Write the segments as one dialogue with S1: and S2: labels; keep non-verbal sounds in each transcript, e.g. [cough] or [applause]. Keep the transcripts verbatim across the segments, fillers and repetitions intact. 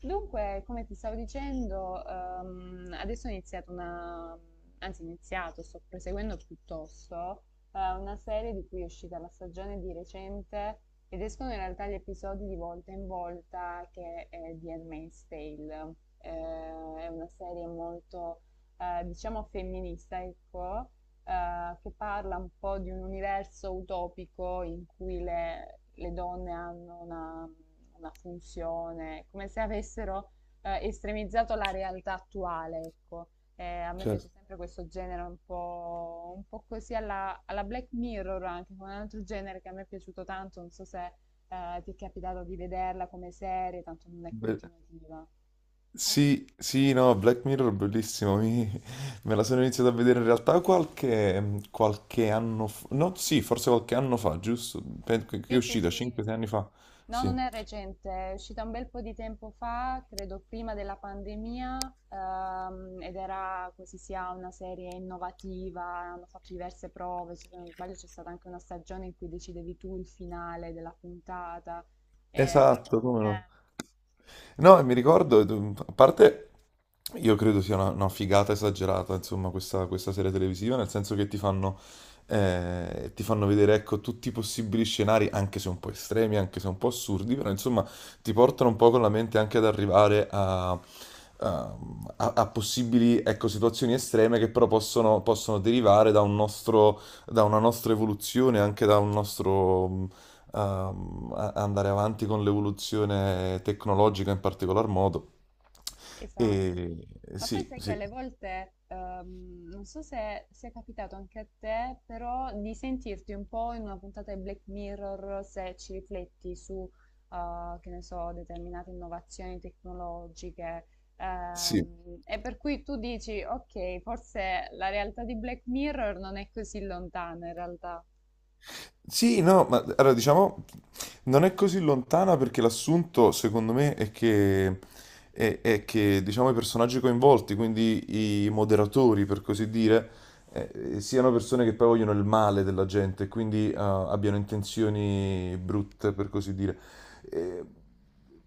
S1: Dunque, come ti stavo dicendo, ehm, adesso ho iniziato una, anzi ho iniziato, sto proseguendo piuttosto, eh, una serie di cui è uscita la stagione di recente ed escono in realtà gli episodi di volta in volta, che è di Handmaid's Tale. Eh, è una serie molto, eh, diciamo, femminista, ecco, eh, che parla un po' di un universo utopico in cui le, le donne hanno una la funzione, come se avessero eh, estremizzato la realtà attuale, ecco. Eh, a me piace
S2: Certo,
S1: sempre questo genere un po', un po' così alla, alla Black Mirror, anche con un altro genere che a me è piaciuto tanto, non so se eh, ti è capitato di vederla come serie, tanto non è
S2: be-
S1: continuativa.
S2: sì, sì, no, Black Mirror bellissimo, mi- me la sono iniziata a vedere in realtà qualche, qualche anno fa, no, sì, forse qualche anno fa, giusto? Pen- Che che è
S1: Sì, sì,
S2: uscita,
S1: sì.
S2: cinque sei anni fa,
S1: No,
S2: sì.
S1: non è recente, è uscita un bel po' di tempo fa, credo prima della pandemia, ehm, ed era così, sia una serie innovativa, hanno fatto diverse prove, se non sbaglio c'è stata anche una stagione in cui decidevi tu il finale della puntata, eh, però...
S2: Esatto, come no?
S1: eh,
S2: No, e mi ricordo, eh, a parte. Io credo sia una, una figata esagerata, insomma, questa, questa serie televisiva, nel senso che ti fanno, eh, ti fanno vedere, ecco, tutti i possibili scenari, anche se un po' estremi, anche se un po' assurdi, però insomma ti portano un po' con la mente anche ad arrivare a, a- a- a possibili, ecco, situazioni estreme che però possono, possono derivare da un nostro, da una nostra evoluzione, anche da un nostro mh, ehm, a- andare avanti con l'evoluzione tecnologica in particolar modo.
S1: Esatto.
S2: E
S1: Ma poi
S2: sì,
S1: sai che
S2: sì,
S1: alle volte, ehm, non so se sia capitato anche a te, però di sentirti un po' in una puntata di Black Mirror se ci rifletti su, eh, che ne so, determinate innovazioni tecnologiche.
S2: sì.
S1: Ehm, e per cui tu dici, ok, forse la realtà di Black Mirror non è così lontana in realtà.
S2: Sì, no, ma allora diciamo non è così lontana perché l'assunto, secondo me, è che, è, è che diciamo, i personaggi coinvolti, quindi i moderatori, per così dire, eh, siano persone che poi vogliono il male della gente, e quindi eh, abbiano intenzioni brutte, per così dire. Eh,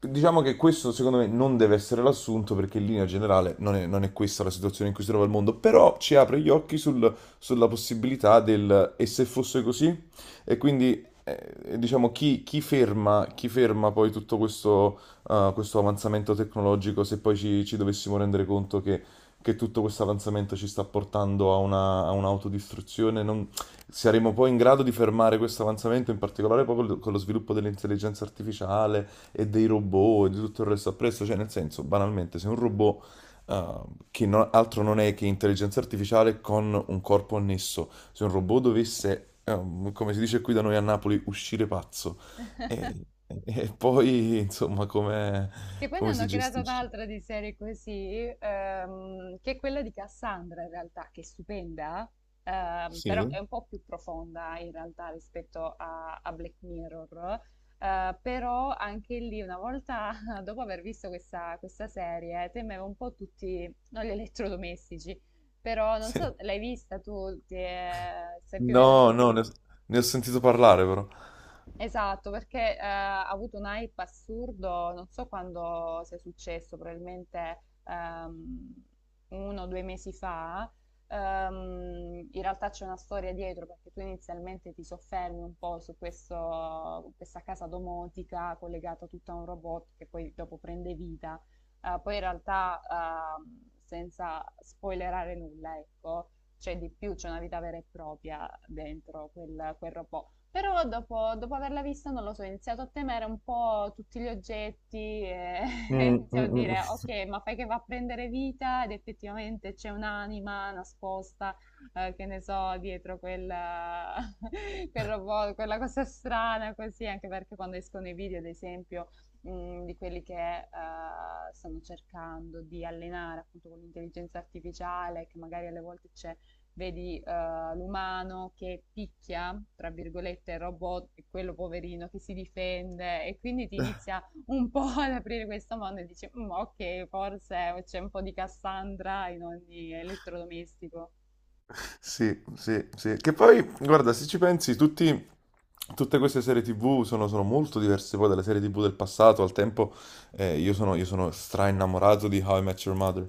S2: diciamo che questo, secondo me, non deve essere l'assunto perché in linea generale non è, non è questa la situazione in cui si trova il mondo, però ci apre gli occhi sul- sulla possibilità del e se fosse così? E quindi eh, diciamo chi, chi ferma, chi ferma poi tutto questo, eh, questo avanzamento tecnologico se poi ci, ci dovessimo rendere conto che, che tutto questo avanzamento ci sta portando a una, a un'autodistruzione, non- saremo poi in grado di fermare questo avanzamento, in particolare poi col- con lo sviluppo dell'intelligenza artificiale e dei robot e di tutto il resto appresso, cioè nel senso, banalmente, se un robot Uh, che no- altro non è che intelligenza artificiale con un corpo annesso. Se un robot dovesse, um, come si dice qui da noi a Napoli, uscire pazzo, e, e poi insomma come,
S1: Che poi ne
S2: come
S1: hanno
S2: si
S1: creata
S2: gestisce?
S1: un'altra di serie così, ehm, che è quella di Cassandra in realtà, che è stupenda, ehm, però è
S2: Sì.
S1: un po' più profonda in realtà rispetto a, a Black Mirror. Eh, però anche lì, una volta [laughs] dopo aver visto questa, questa serie, temevo un po' tutti, non gli elettrodomestici, però non
S2: Sì.
S1: so, l'hai vista tu? Ti è- sai più o meno di
S2: No,
S1: che cosa?
S2: no, ne ho, ne ho sentito parlare però.
S1: Esatto, perché eh, ha avuto un hype assurdo, non so quando sia successo, probabilmente ehm, uno o due mesi fa. Ehm, in realtà c'è una storia dietro, perché tu inizialmente ti soffermi un po' su questo- questa casa domotica collegata tutta a un robot che poi dopo prende vita. Eh, poi in realtà, ehm, senza spoilerare nulla, ecco, c'è di più, c'è una vita vera e propria dentro quel quel robot, però dopo, dopo averla vista, non lo so, ho iniziato a temere un po' tutti gli oggetti e [laughs]
S2: Mm, mm,
S1: iniziavo a
S2: mm.
S1: dire, ok, ma fai che va a prendere vita ed effettivamente c'è un'anima nascosta, eh, che ne so, dietro quella, [laughs] quel robot, quella cosa strana così, anche perché quando escono i video, ad esempio, mh, di quelli che eh, stanno cercando di allenare appunto con l'intelligenza artificiale, che magari alle volte c'è... Vedi, eh, l'umano che picchia, tra virgolette, il robot e quello poverino che si difende, e quindi ti inizia un po' [laughs] ad aprire questo mondo e dici, "Mm, ok, forse c'è un po' di Cassandra in ogni elettrodomestico."
S2: Sì, sì, sì. Che poi, guarda, se ci pensi, tutti, tutte queste serie T V sono, sono molto diverse poi dalle serie T V del passato. Al tempo, eh, io sono, io sono stra innamorato di How I Met Your Mother,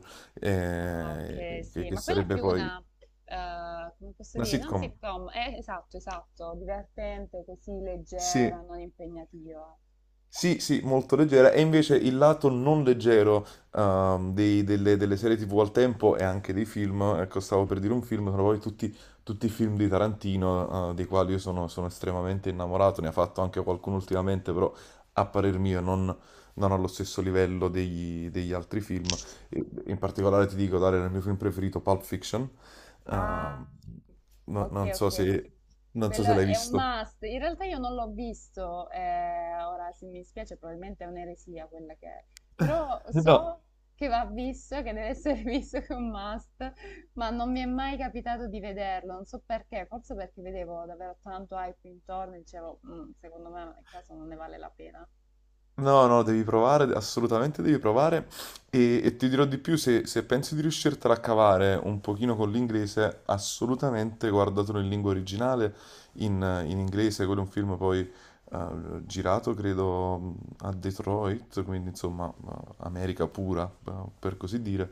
S1: Ah,
S2: eh,
S1: ok,
S2: che,
S1: sì,
S2: che
S1: ma quella è
S2: sarebbe
S1: più
S2: poi
S1: una, eh, come posso
S2: una
S1: dire, non
S2: sitcom.
S1: sitcom, eh, esatto, esatto, divertente, così leggera,
S2: Sì.
S1: non impegnativa.
S2: Sì, sì, molto leggera. E invece il lato non leggero ehm, dei- delle, delle serie T V al tempo e anche dei film, ecco, stavo per dire un film, sono poi tutti, tutti i film di Tarantino, eh, dei quali io sono, sono estremamente innamorato, ne ha fatto anche qualcuno ultimamente, però a parer mio non, non allo stesso livello degli, degli altri film. E- In particolare ti dico, Dario, il mio film preferito, Pulp Fiction. Ehm, no-
S1: Ok,
S2: non so
S1: ok.
S2: se, non so se
S1: Quello
S2: l'hai
S1: è un
S2: visto.
S1: must. In realtà io non l'ho visto, eh, ora se mi spiace probabilmente è un'eresia quella che è. Però
S2: No.
S1: so che va visto, che deve essere [laughs] visto, che è un must, ma non mi è mai capitato di vederlo, non so perché, forse perché vedevo davvero tanto hype intorno e dicevo, "Mm, secondo me nel caso non ne vale la pena."
S2: No, no, devi provare, assolutamente devi provare e, e ti dirò di più, se, se pensi di riuscirtela a cavare un pochino con l'inglese, assolutamente guardatelo in lingua originale, in, in inglese, quello è un film poi eh, girato, credo, a Detroit, quindi insomma eh, America pura, eh, per così dire.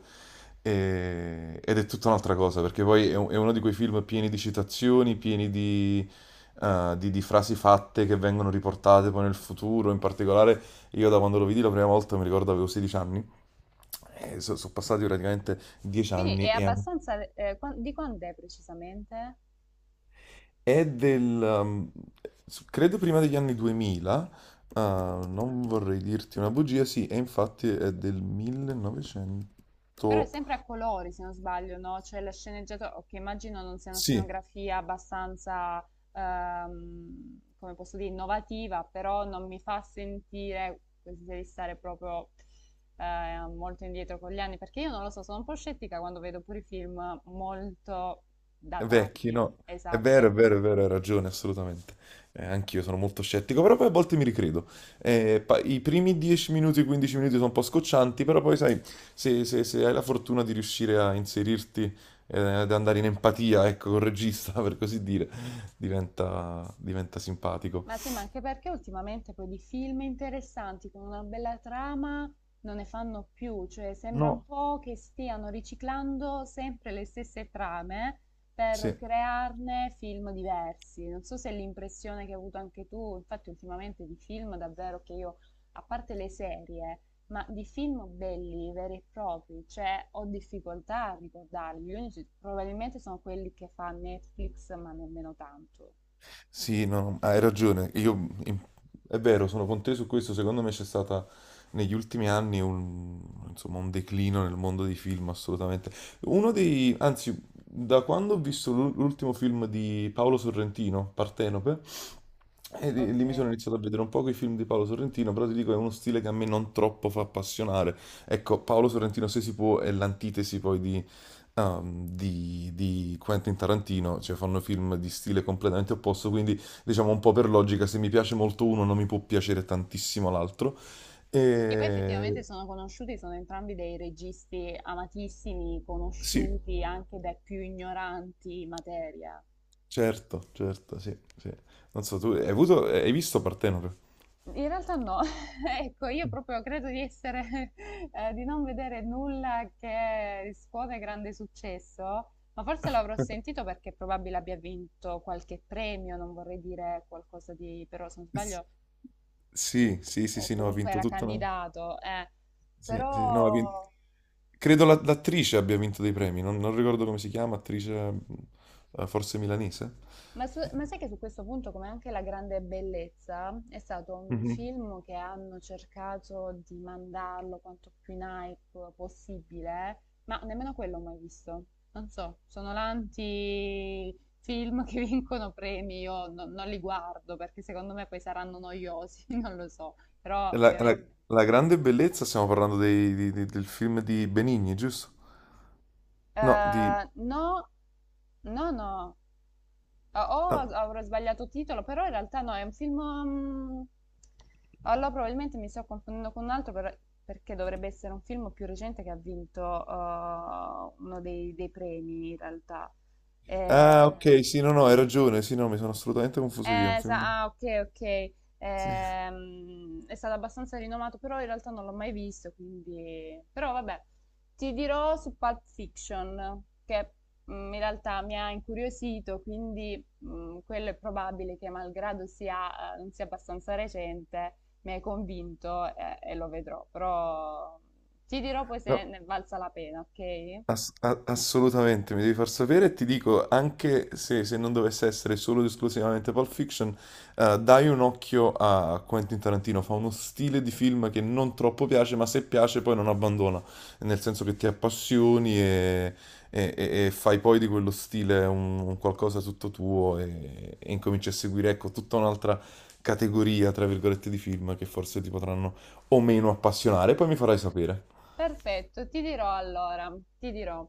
S2: E- ed è tutta un'altra cosa, perché poi è, un- è uno di quei film pieni di citazioni, pieni di eh, di di frasi fatte che vengono riportate poi nel futuro, in particolare, io da quando lo vidi la prima volta mi ricordo avevo sedici anni, e so- sono passati praticamente dieci
S1: Quindi è
S2: anni e an-
S1: abbastanza... eh, qua- di quando è precisamente?
S2: È del, um, s- credo prima degli anni duemila. Ah, non vorrei dirti una bugia, sì, e infatti è del
S1: Però è
S2: millenovecento.
S1: sempre a colori, se non sbaglio, no? Cioè la sceneggiatura, che immagino non sia una
S2: Sì.
S1: scenografia abbastanza, ehm, come posso dire, innovativa, però non mi fa sentire di stare proprio eh, molto indietro con gli anni, perché io non lo so, sono un po' scettica quando vedo pure i film molto
S2: Vecchi,
S1: datati.
S2: no? È vero, è
S1: Esatto.
S2: vero, è vero, hai ragione, assolutamente. Eh, anch'io sono molto scettico, però poi a volte mi ricredo. Eh, pa- i primi dieci minuti, quindici minuti sono un po' scoccianti, però poi sai, se, se- se hai la fortuna di riuscire a inserirti, eh, ad andare in empatia, ecco, col regista, [laughs] per così dire, diventa, diventa simpatico.
S1: Ma sì, ma anche perché ultimamente poi di film interessanti con una bella trama non ne fanno più, cioè sembra un
S2: No.
S1: po' che stiano riciclando sempre le stesse trame per
S2: Sì.
S1: crearne film diversi. Non so se è l'impressione che hai avuto anche tu, infatti ultimamente di film davvero che io, a parte le serie, ma di film belli, veri e propri, cioè ho difficoltà a ricordarli. Gli unici probabilmente sono quelli che fa Netflix, ma nemmeno tanto.
S2: Sì, no, hai ragione. Io, in- è vero, sono con te su questo. Secondo me c'è stata negli ultimi anni un, insomma, un declino nel mondo dei film, assolutamente. Uno dei, anzi, da quando ho visto l'ul- l'ultimo film di Paolo Sorrentino, Partenope, e lì
S1: Ok.
S2: lì mi sono iniziato a vedere un po' i film di Paolo Sorrentino, però ti dico, è uno stile che a me non troppo fa appassionare. Ecco, Paolo Sorrentino, se si può, è l'antitesi poi di ehm, di, di Quentin Tarantino, cioè fanno film di stile completamente opposto, quindi diciamo un po' per logica, se mi piace molto uno non mi può piacere tantissimo l'altro.
S1: Che poi effettivamente
S2: E...
S1: sono conosciuti, sono entrambi dei registi amatissimi,
S2: Sì,
S1: conosciuti anche dai più ignoranti in materia.
S2: certo, certo, sì, sì. Non so, tu hai avuto, hai visto Partenope?
S1: In realtà no, [laughs] ecco, io proprio credo di essere, [laughs] eh, di non vedere nulla che scuote grande successo, ma forse l'avrò sentito perché probabile abbia vinto qualche premio, non vorrei dire qualcosa di, però se non
S2: S-
S1: sbaglio,
S2: Sì, sì, sì,
S1: o
S2: sì, no, ha
S1: comunque
S2: vinto
S1: era
S2: tutta una.
S1: candidato, eh.
S2: Sì, sì, no, ha vinto.
S1: Però...
S2: Credo la- l'attrice abbia vinto dei premi, non, non ricordo come si chiama, attrice mm, eh, forse milanese.
S1: Ma, su- ma sai che su questo punto, come anche La Grande Bellezza, è stato un film che hanno cercato di mandarlo quanto più in hype possibile, ma nemmeno quello ho mai visto. Non so, sono l'anti-film che [laughs] vincono premi, io no- non li guardo perché secondo me poi saranno noiosi, [laughs] non lo so, però
S2: La, la-
S1: ovviamente.
S2: la grande bellezza, stiamo parlando dei- di- di- del film di Benigni, giusto? No, di,
S1: Eh, no, no, no. O
S2: no.
S1: avrò sbagliato titolo, però in realtà no, è un film... mm, allora probabilmente mi sto confondendo con un altro, però- perché dovrebbe essere un film più recente che ha vinto eh, uno dei, dei premi in realtà. Eh,
S2: Ah, ok, sì, no, no, hai ragione, sì, no, mi sono assolutamente confuso io, è un
S1: eh,
S2: film.
S1: sa- ah, ok, ok.
S2: Sì.
S1: Ehm, è stato abbastanza rinomato, però in realtà non l'ho mai visto, quindi... Però vabbè, ti dirò su Pulp Fiction, che mm, in realtà mi ha incuriosito, quindi mm, quello è probabile che malgrado sia, eh, non sia abbastanza recente, mi hai convinto, eh, e lo vedrò, però ti dirò poi se
S2: No,
S1: ne è valsa la pena, ok?
S2: Ass- a- assolutamente, mi devi far sapere e ti dico, anche se, se non dovesse essere solo ed esclusivamente Pulp Fiction, eh, dai un occhio a Quentin Tarantino, fa uno stile di film che non troppo piace, ma se piace poi non abbandona, nel senso che ti appassioni e, e- e- e fai poi di quello stile un, un qualcosa tutto tuo e, e incominci a seguire, ecco, tutta un'altra categoria, tra virgolette, di film che forse ti potranno o meno appassionare, poi mi farai sapere.
S1: Perfetto, ti dirò allora, ti dirò.